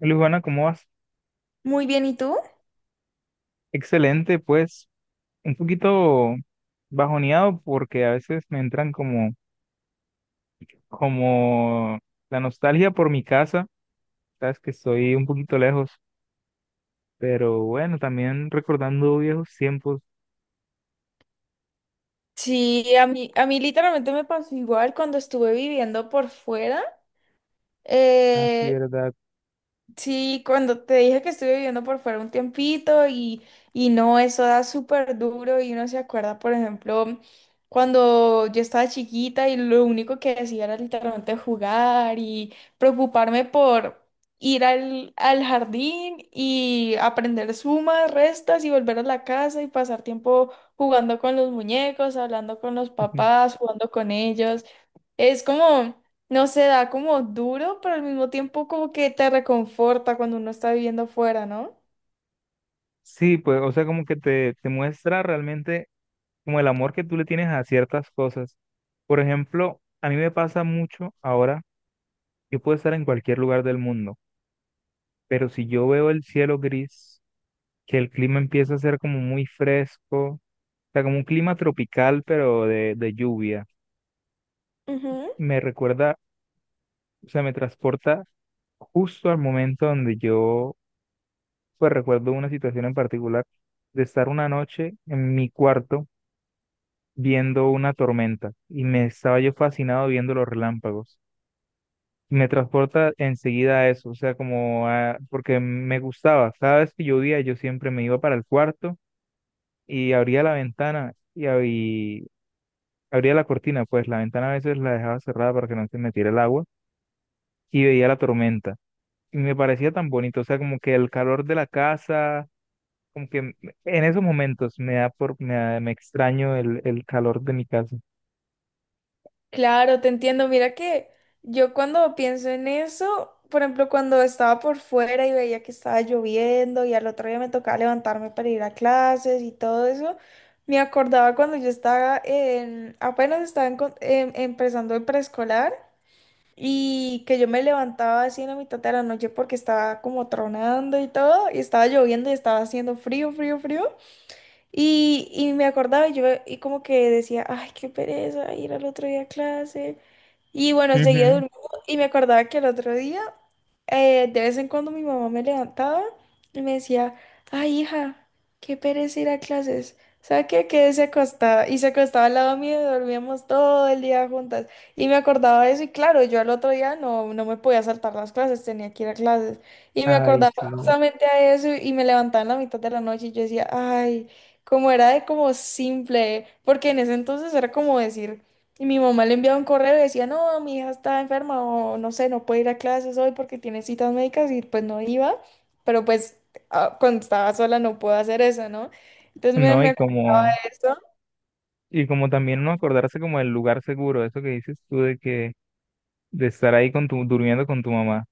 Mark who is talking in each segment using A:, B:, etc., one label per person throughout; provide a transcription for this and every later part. A: Luis, ¿cómo vas?
B: Muy bien, ¿y tú?
A: Excelente, pues un poquito bajoneado porque a veces me entran como la nostalgia por mi casa, sabes que estoy un poquito lejos, pero bueno, también recordando viejos tiempos,
B: Sí, a mí literalmente me pasó igual cuando estuve viviendo por fuera.
A: así,
B: Eh,
A: ¿verdad?
B: Sí, cuando te dije que estuve viviendo por fuera un tiempito y no, eso da súper duro y uno se acuerda, por ejemplo, cuando yo estaba chiquita y lo único que hacía era literalmente jugar y preocuparme por ir al jardín y aprender sumas, restas y volver a la casa y pasar tiempo jugando con los muñecos, hablando con los papás, jugando con ellos. Es como... No se da como duro, pero al mismo tiempo como que te reconforta cuando uno está viviendo afuera, ¿no?
A: Sí, pues, o sea, como que te muestra realmente como el amor que tú le tienes a ciertas cosas. Por ejemplo, a mí me pasa mucho ahora, yo puedo estar en cualquier lugar del mundo, pero si yo veo el cielo gris, que el clima empieza a ser como muy fresco, o sea, como un clima tropical, pero de lluvia.
B: Ujú.
A: Me recuerda, o sea, me transporta justo al momento donde yo, pues recuerdo una situación en particular de estar una noche en mi cuarto viendo una tormenta y me estaba yo fascinado viendo los relámpagos. Me transporta enseguida a eso, o sea, porque me gustaba. Cada vez que llovía, yo siempre me iba para el cuarto y abría la ventana y abría la cortina, pues la ventana a veces la dejaba cerrada para que no se metiera el agua y veía la tormenta. Y me parecía tan bonito, o sea, como que el calor de la casa, como que m- en esos momentos me da por, me da- me extraño el calor de mi casa.
B: Claro, te entiendo. Mira que yo cuando pienso en eso, por ejemplo, cuando estaba por fuera y veía que estaba lloviendo y al otro día me tocaba levantarme para ir a clases y todo eso, me acordaba cuando yo apenas estaba en empezando el preescolar. Y que yo me levantaba así en la mitad de la noche porque estaba como tronando y todo, y estaba lloviendo y estaba haciendo frío, frío, frío. Y me acordaba y yo y como que decía, ay, qué pereza ir al otro día a clase. Y bueno, seguía
A: Ujú.
B: durmiendo y me acordaba que el otro día, de vez en cuando mi mamá me levantaba y me decía, ay, hija, qué pereza ir a clases. ¿Sabe qué? Quédese acostada. Y se acostaba al lado mío y dormíamos todo el día juntas. Y me acordaba de eso y claro, yo al otro día no, no me podía saltar las clases, tenía que ir a clases. Y me
A: Ay,
B: acordaba
A: sí.
B: justamente a eso y me levantaba en la mitad de la noche y yo decía, ay, como era de como simple, porque en ese entonces era como decir, y mi mamá le enviaba un correo y decía, no, mi hija está enferma o no sé, no puede ir a clases hoy porque tiene citas médicas y pues no iba, pero pues ah, cuando estaba sola no puedo hacer eso, ¿no? Entonces me,
A: No,
B: me
A: y
B: acuerdo
A: como,
B: de eso.
A: y como también no acordarse como del lugar seguro, eso que dices tú de que, de estar ahí durmiendo con tu mamá.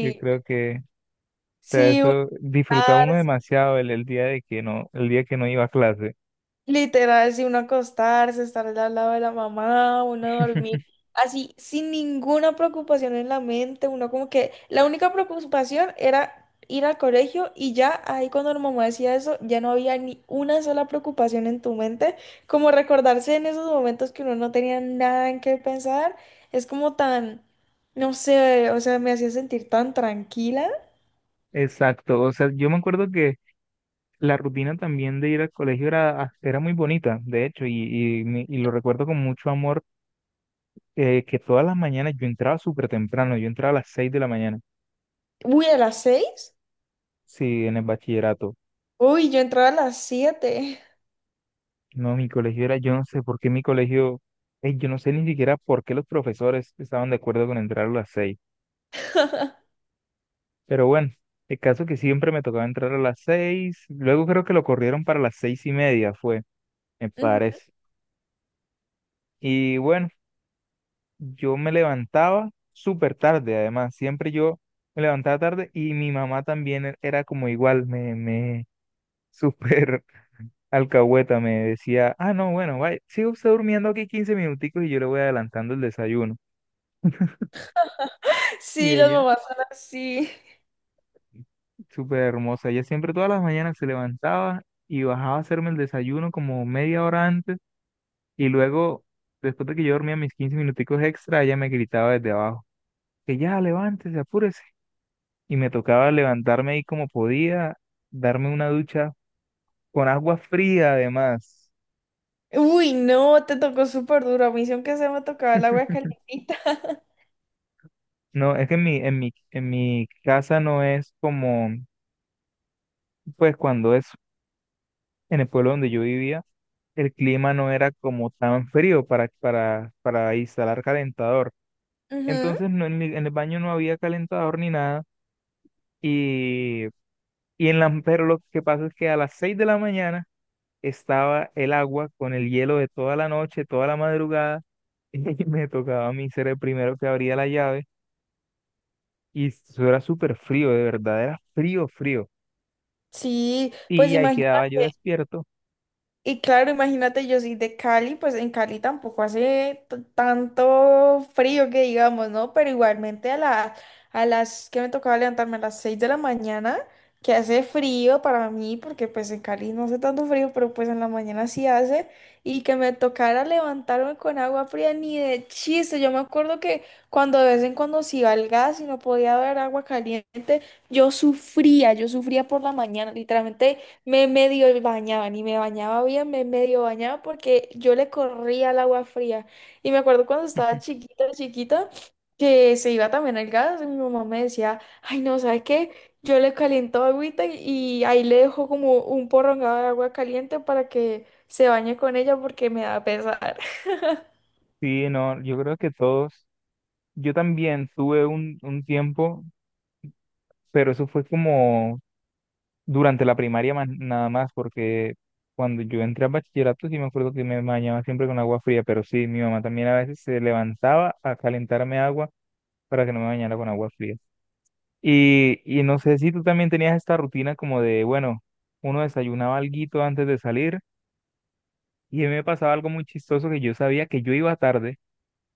A: Yo creo que, o sea,
B: sí,
A: eso disfrutaba uno demasiado el día de que no, el día que no iba a clase.
B: literal, si uno acostarse, estar al lado de la mamá, uno dormir así, sin ninguna preocupación en la mente, uno como que la única preocupación era ir al colegio y ya ahí cuando la mamá decía eso, ya no había ni una sola preocupación en tu mente, como recordarse en esos momentos que uno no tenía nada en qué pensar, es como tan, no sé, o sea, me hacía sentir tan tranquila.
A: Exacto, o sea, yo me acuerdo que la rutina también de ir al colegio era muy bonita, de hecho, y lo recuerdo con mucho amor, que todas las mañanas yo entraba súper temprano, yo entraba a las 6 de la mañana,
B: Uy, a las 6,
A: sí, en el bachillerato.
B: uy, yo entraba a las 7.
A: No, mi colegio era, yo no sé por qué mi colegio, yo no sé ni siquiera por qué los profesores estaban de acuerdo con entrar a las 6. Pero bueno, el caso que siempre me tocaba entrar a las 6, luego creo que lo corrieron para las 6:30, fue, me parece. Y bueno. Yo me levantaba súper tarde, además, siempre yo me levantaba tarde y mi mamá también era como igual, me súper alcahueta, me decía, ah, no, bueno, vaya, sigue usted durmiendo aquí 15 minuticos y yo le voy adelantando el desayuno. Y
B: Sí, las
A: ella,
B: mamás son así.
A: súper hermosa, ella siempre todas las mañanas se levantaba y bajaba a hacerme el desayuno como media hora antes y luego, después de que yo dormía mis 15 minuticos extra, ella me gritaba desde abajo, que ya, levántese, apúrese y me tocaba levantarme ahí como podía, darme una ducha con agua fría además.
B: Uy, no, te tocó súper duro. A mí sí, aunque se me tocaba el agua calientita.
A: No, es que en mi casa no es como, pues cuando es en el pueblo donde yo vivía, el clima no era como tan frío para, instalar calentador.
B: Ujú.
A: Entonces no, en el baño no había calentador ni nada y, pero lo que pasa es que a las 6 de la mañana estaba el agua con el hielo de toda la noche, toda la madrugada Y me tocaba a mí ser el primero que abría la llave y eso era súper frío, de verdad, era frío, frío.
B: Sí, pues
A: Y ahí
B: imagínate.
A: quedaba yo despierto.
B: Y claro, imagínate, yo soy de Cali, pues en Cali tampoco hace tanto frío que digamos, ¿no? Pero igualmente a las que me tocaba levantarme a las 6 de la mañana, que hace frío para mí, porque pues en Cali no hace tanto frío, pero pues en la mañana sí hace, y que me tocara levantarme con agua fría, ni de chiste. Yo me acuerdo que cuando de vez en cuando se iba el gas y no podía haber agua caliente, yo sufría por la mañana, literalmente. Me medio bañaba, ni me bañaba bien, me medio bañaba porque yo le corría al agua fría. Y me acuerdo cuando estaba chiquita, chiquita, que se iba también al gas y mi mamá me decía, ay, no, ¿sabes qué? Yo le caliento agüita y ahí le dejo como un porrongado de agua caliente para que se bañe con ella porque me da pesar.
A: Sí, no, yo creo que todos, yo también tuve un tiempo, pero eso fue como durante la primaria nada más, porque cuando yo entré a bachillerato sí me acuerdo que me bañaba siempre con agua fría, pero sí, mi mamá también a veces se levantaba a calentarme agua para que no me bañara con agua fría. Y no sé si tú también tenías esta rutina como de, bueno, uno desayunaba alguito antes de salir y a mí me pasaba algo muy chistoso que yo sabía que yo iba tarde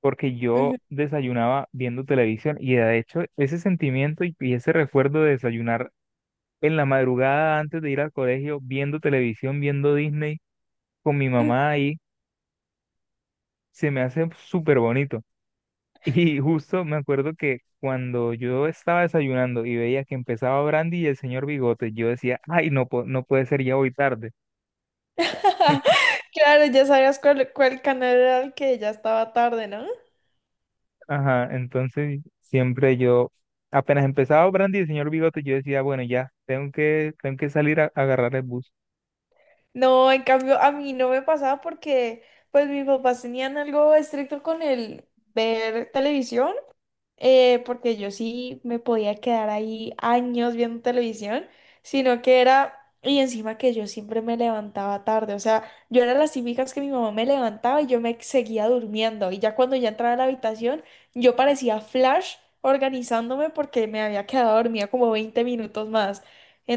A: porque yo
B: Ujú.
A: desayunaba viendo televisión y de hecho ese sentimiento y ese recuerdo de desayunar en la madrugada antes de ir al colegio viendo televisión, viendo Disney con mi mamá ahí, se me hace súper bonito. Y justo me acuerdo que cuando yo estaba desayunando y veía que empezaba Brandy y el señor Bigote, yo decía, ay, no, no puede ser ya hoy tarde.
B: Claro, ya sabías cuál canal era el que ya estaba tarde, ¿no?
A: Ajá, entonces siempre yo, apenas empezaba Brandy y el señor Bigote, yo decía, bueno, ya, tengo que salir a agarrar el bus.
B: No, en cambio a mí no me pasaba porque pues mis papás tenían algo estricto con el ver televisión, porque yo sí me podía quedar ahí años viendo televisión, sino que era, y encima que yo siempre me levantaba tarde, o sea, yo era las típicas que mi mamá me levantaba y yo me seguía durmiendo, y ya cuando ya entraba a la habitación, yo parecía Flash organizándome porque me había quedado dormida como 20 minutos más.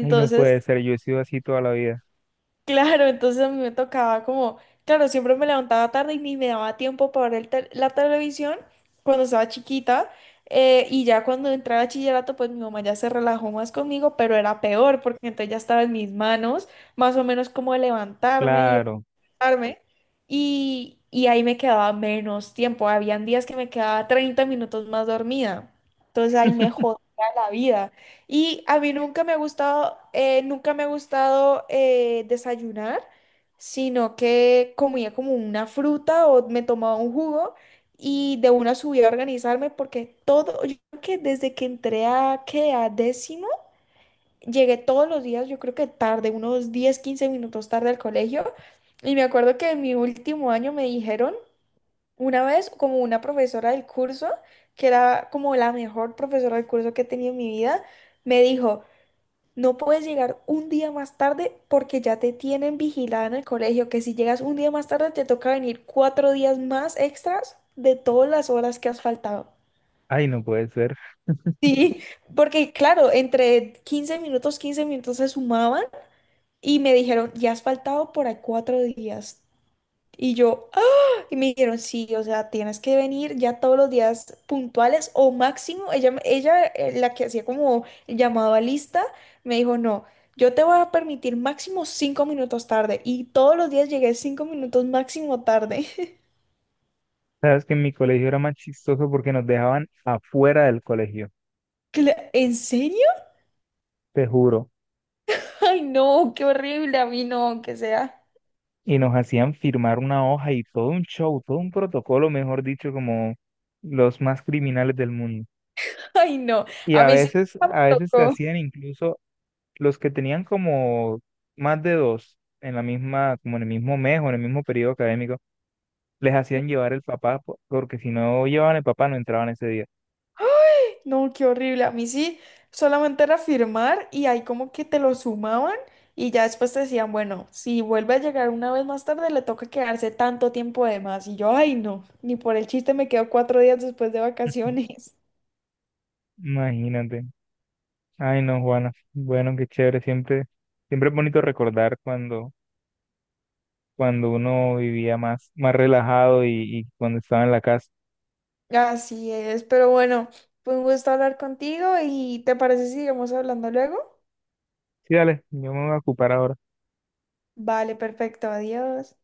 A: Ay, no puede ser, yo he sido así toda la vida.
B: Claro, entonces a mí me tocaba como, claro, siempre me levantaba tarde y ni me daba tiempo para ver el la televisión cuando estaba chiquita. Y ya cuando entré a bachillerato, pues mi mamá ya se relajó más conmigo, pero era peor porque entonces ya estaba en mis manos, más o menos como levantarme y
A: Claro,
B: arme, y ahí me quedaba menos tiempo. Habían días que me quedaba 30 minutos más dormida. Entonces ahí me jodía la vida. Y a mí nunca me ha gustado, nunca me ha gustado desayunar, sino que comía como una fruta o me tomaba un jugo y de una subía a organizarme porque todo, yo creo que desde que entré a, ¿qué? A décimo. Llegué todos los días, yo creo que tarde, unos 10 15 minutos tarde al colegio. Y me acuerdo que en mi último año me dijeron una vez, como una profesora del curso, que era como la mejor profesora del curso que he tenido en mi vida, me dijo, no puedes llegar un día más tarde porque ya te tienen vigilada en el colegio, que si llegas un día más tarde te toca venir 4 días más extras de todas las horas que has faltado.
A: ay, no puede ser.
B: Sí, porque claro, entre 15 minutos, 15 minutos se sumaban. Y me dijeron, ya has faltado por ahí 4 días. Y yo, ¡ah! Y me dijeron, sí, o sea, tienes que venir ya todos los días puntuales o máximo. Ella la que hacía como el llamado a lista, me dijo, no, yo te voy a permitir máximo 5 minutos tarde. Y todos los días llegué 5 minutos máximo tarde.
A: Sabes que en mi colegio era más chistoso porque nos dejaban afuera del colegio,
B: ¿En serio?
A: te juro.
B: Ay, no, qué horrible. A mí no, que sea.
A: Y nos hacían firmar una hoja y todo un show, todo un protocolo, mejor dicho, como los más criminales del mundo.
B: Ay, no.
A: Y
B: A
A: a
B: mí sí
A: veces,
B: nunca me
A: a veces te
B: tocó.
A: hacían incluso los que tenían como más de dos en la misma, como en el mismo mes o en el mismo periodo académico, les hacían llevar el papá, porque si no llevaban el papá no entraban ese día.
B: No, qué horrible. A mí sí, solamente era firmar y ahí como que te lo sumaban y ya después te decían, bueno, si vuelve a llegar una vez más tarde, le toca quedarse tanto tiempo de más. Y yo, ay, no, ni por el chiste me quedo 4 días después de vacaciones.
A: Imagínate. Ay, no, Juana. Bueno, qué chévere. Siempre, siempre es bonito recordar cuando, cuando uno vivía más, más relajado y cuando estaba en la casa.
B: Así es, pero bueno, fue un gusto hablar contigo y ¿te parece si sigamos hablando luego?
A: Sí, dale, yo me voy a ocupar ahora.
B: Vale, perfecto, adiós.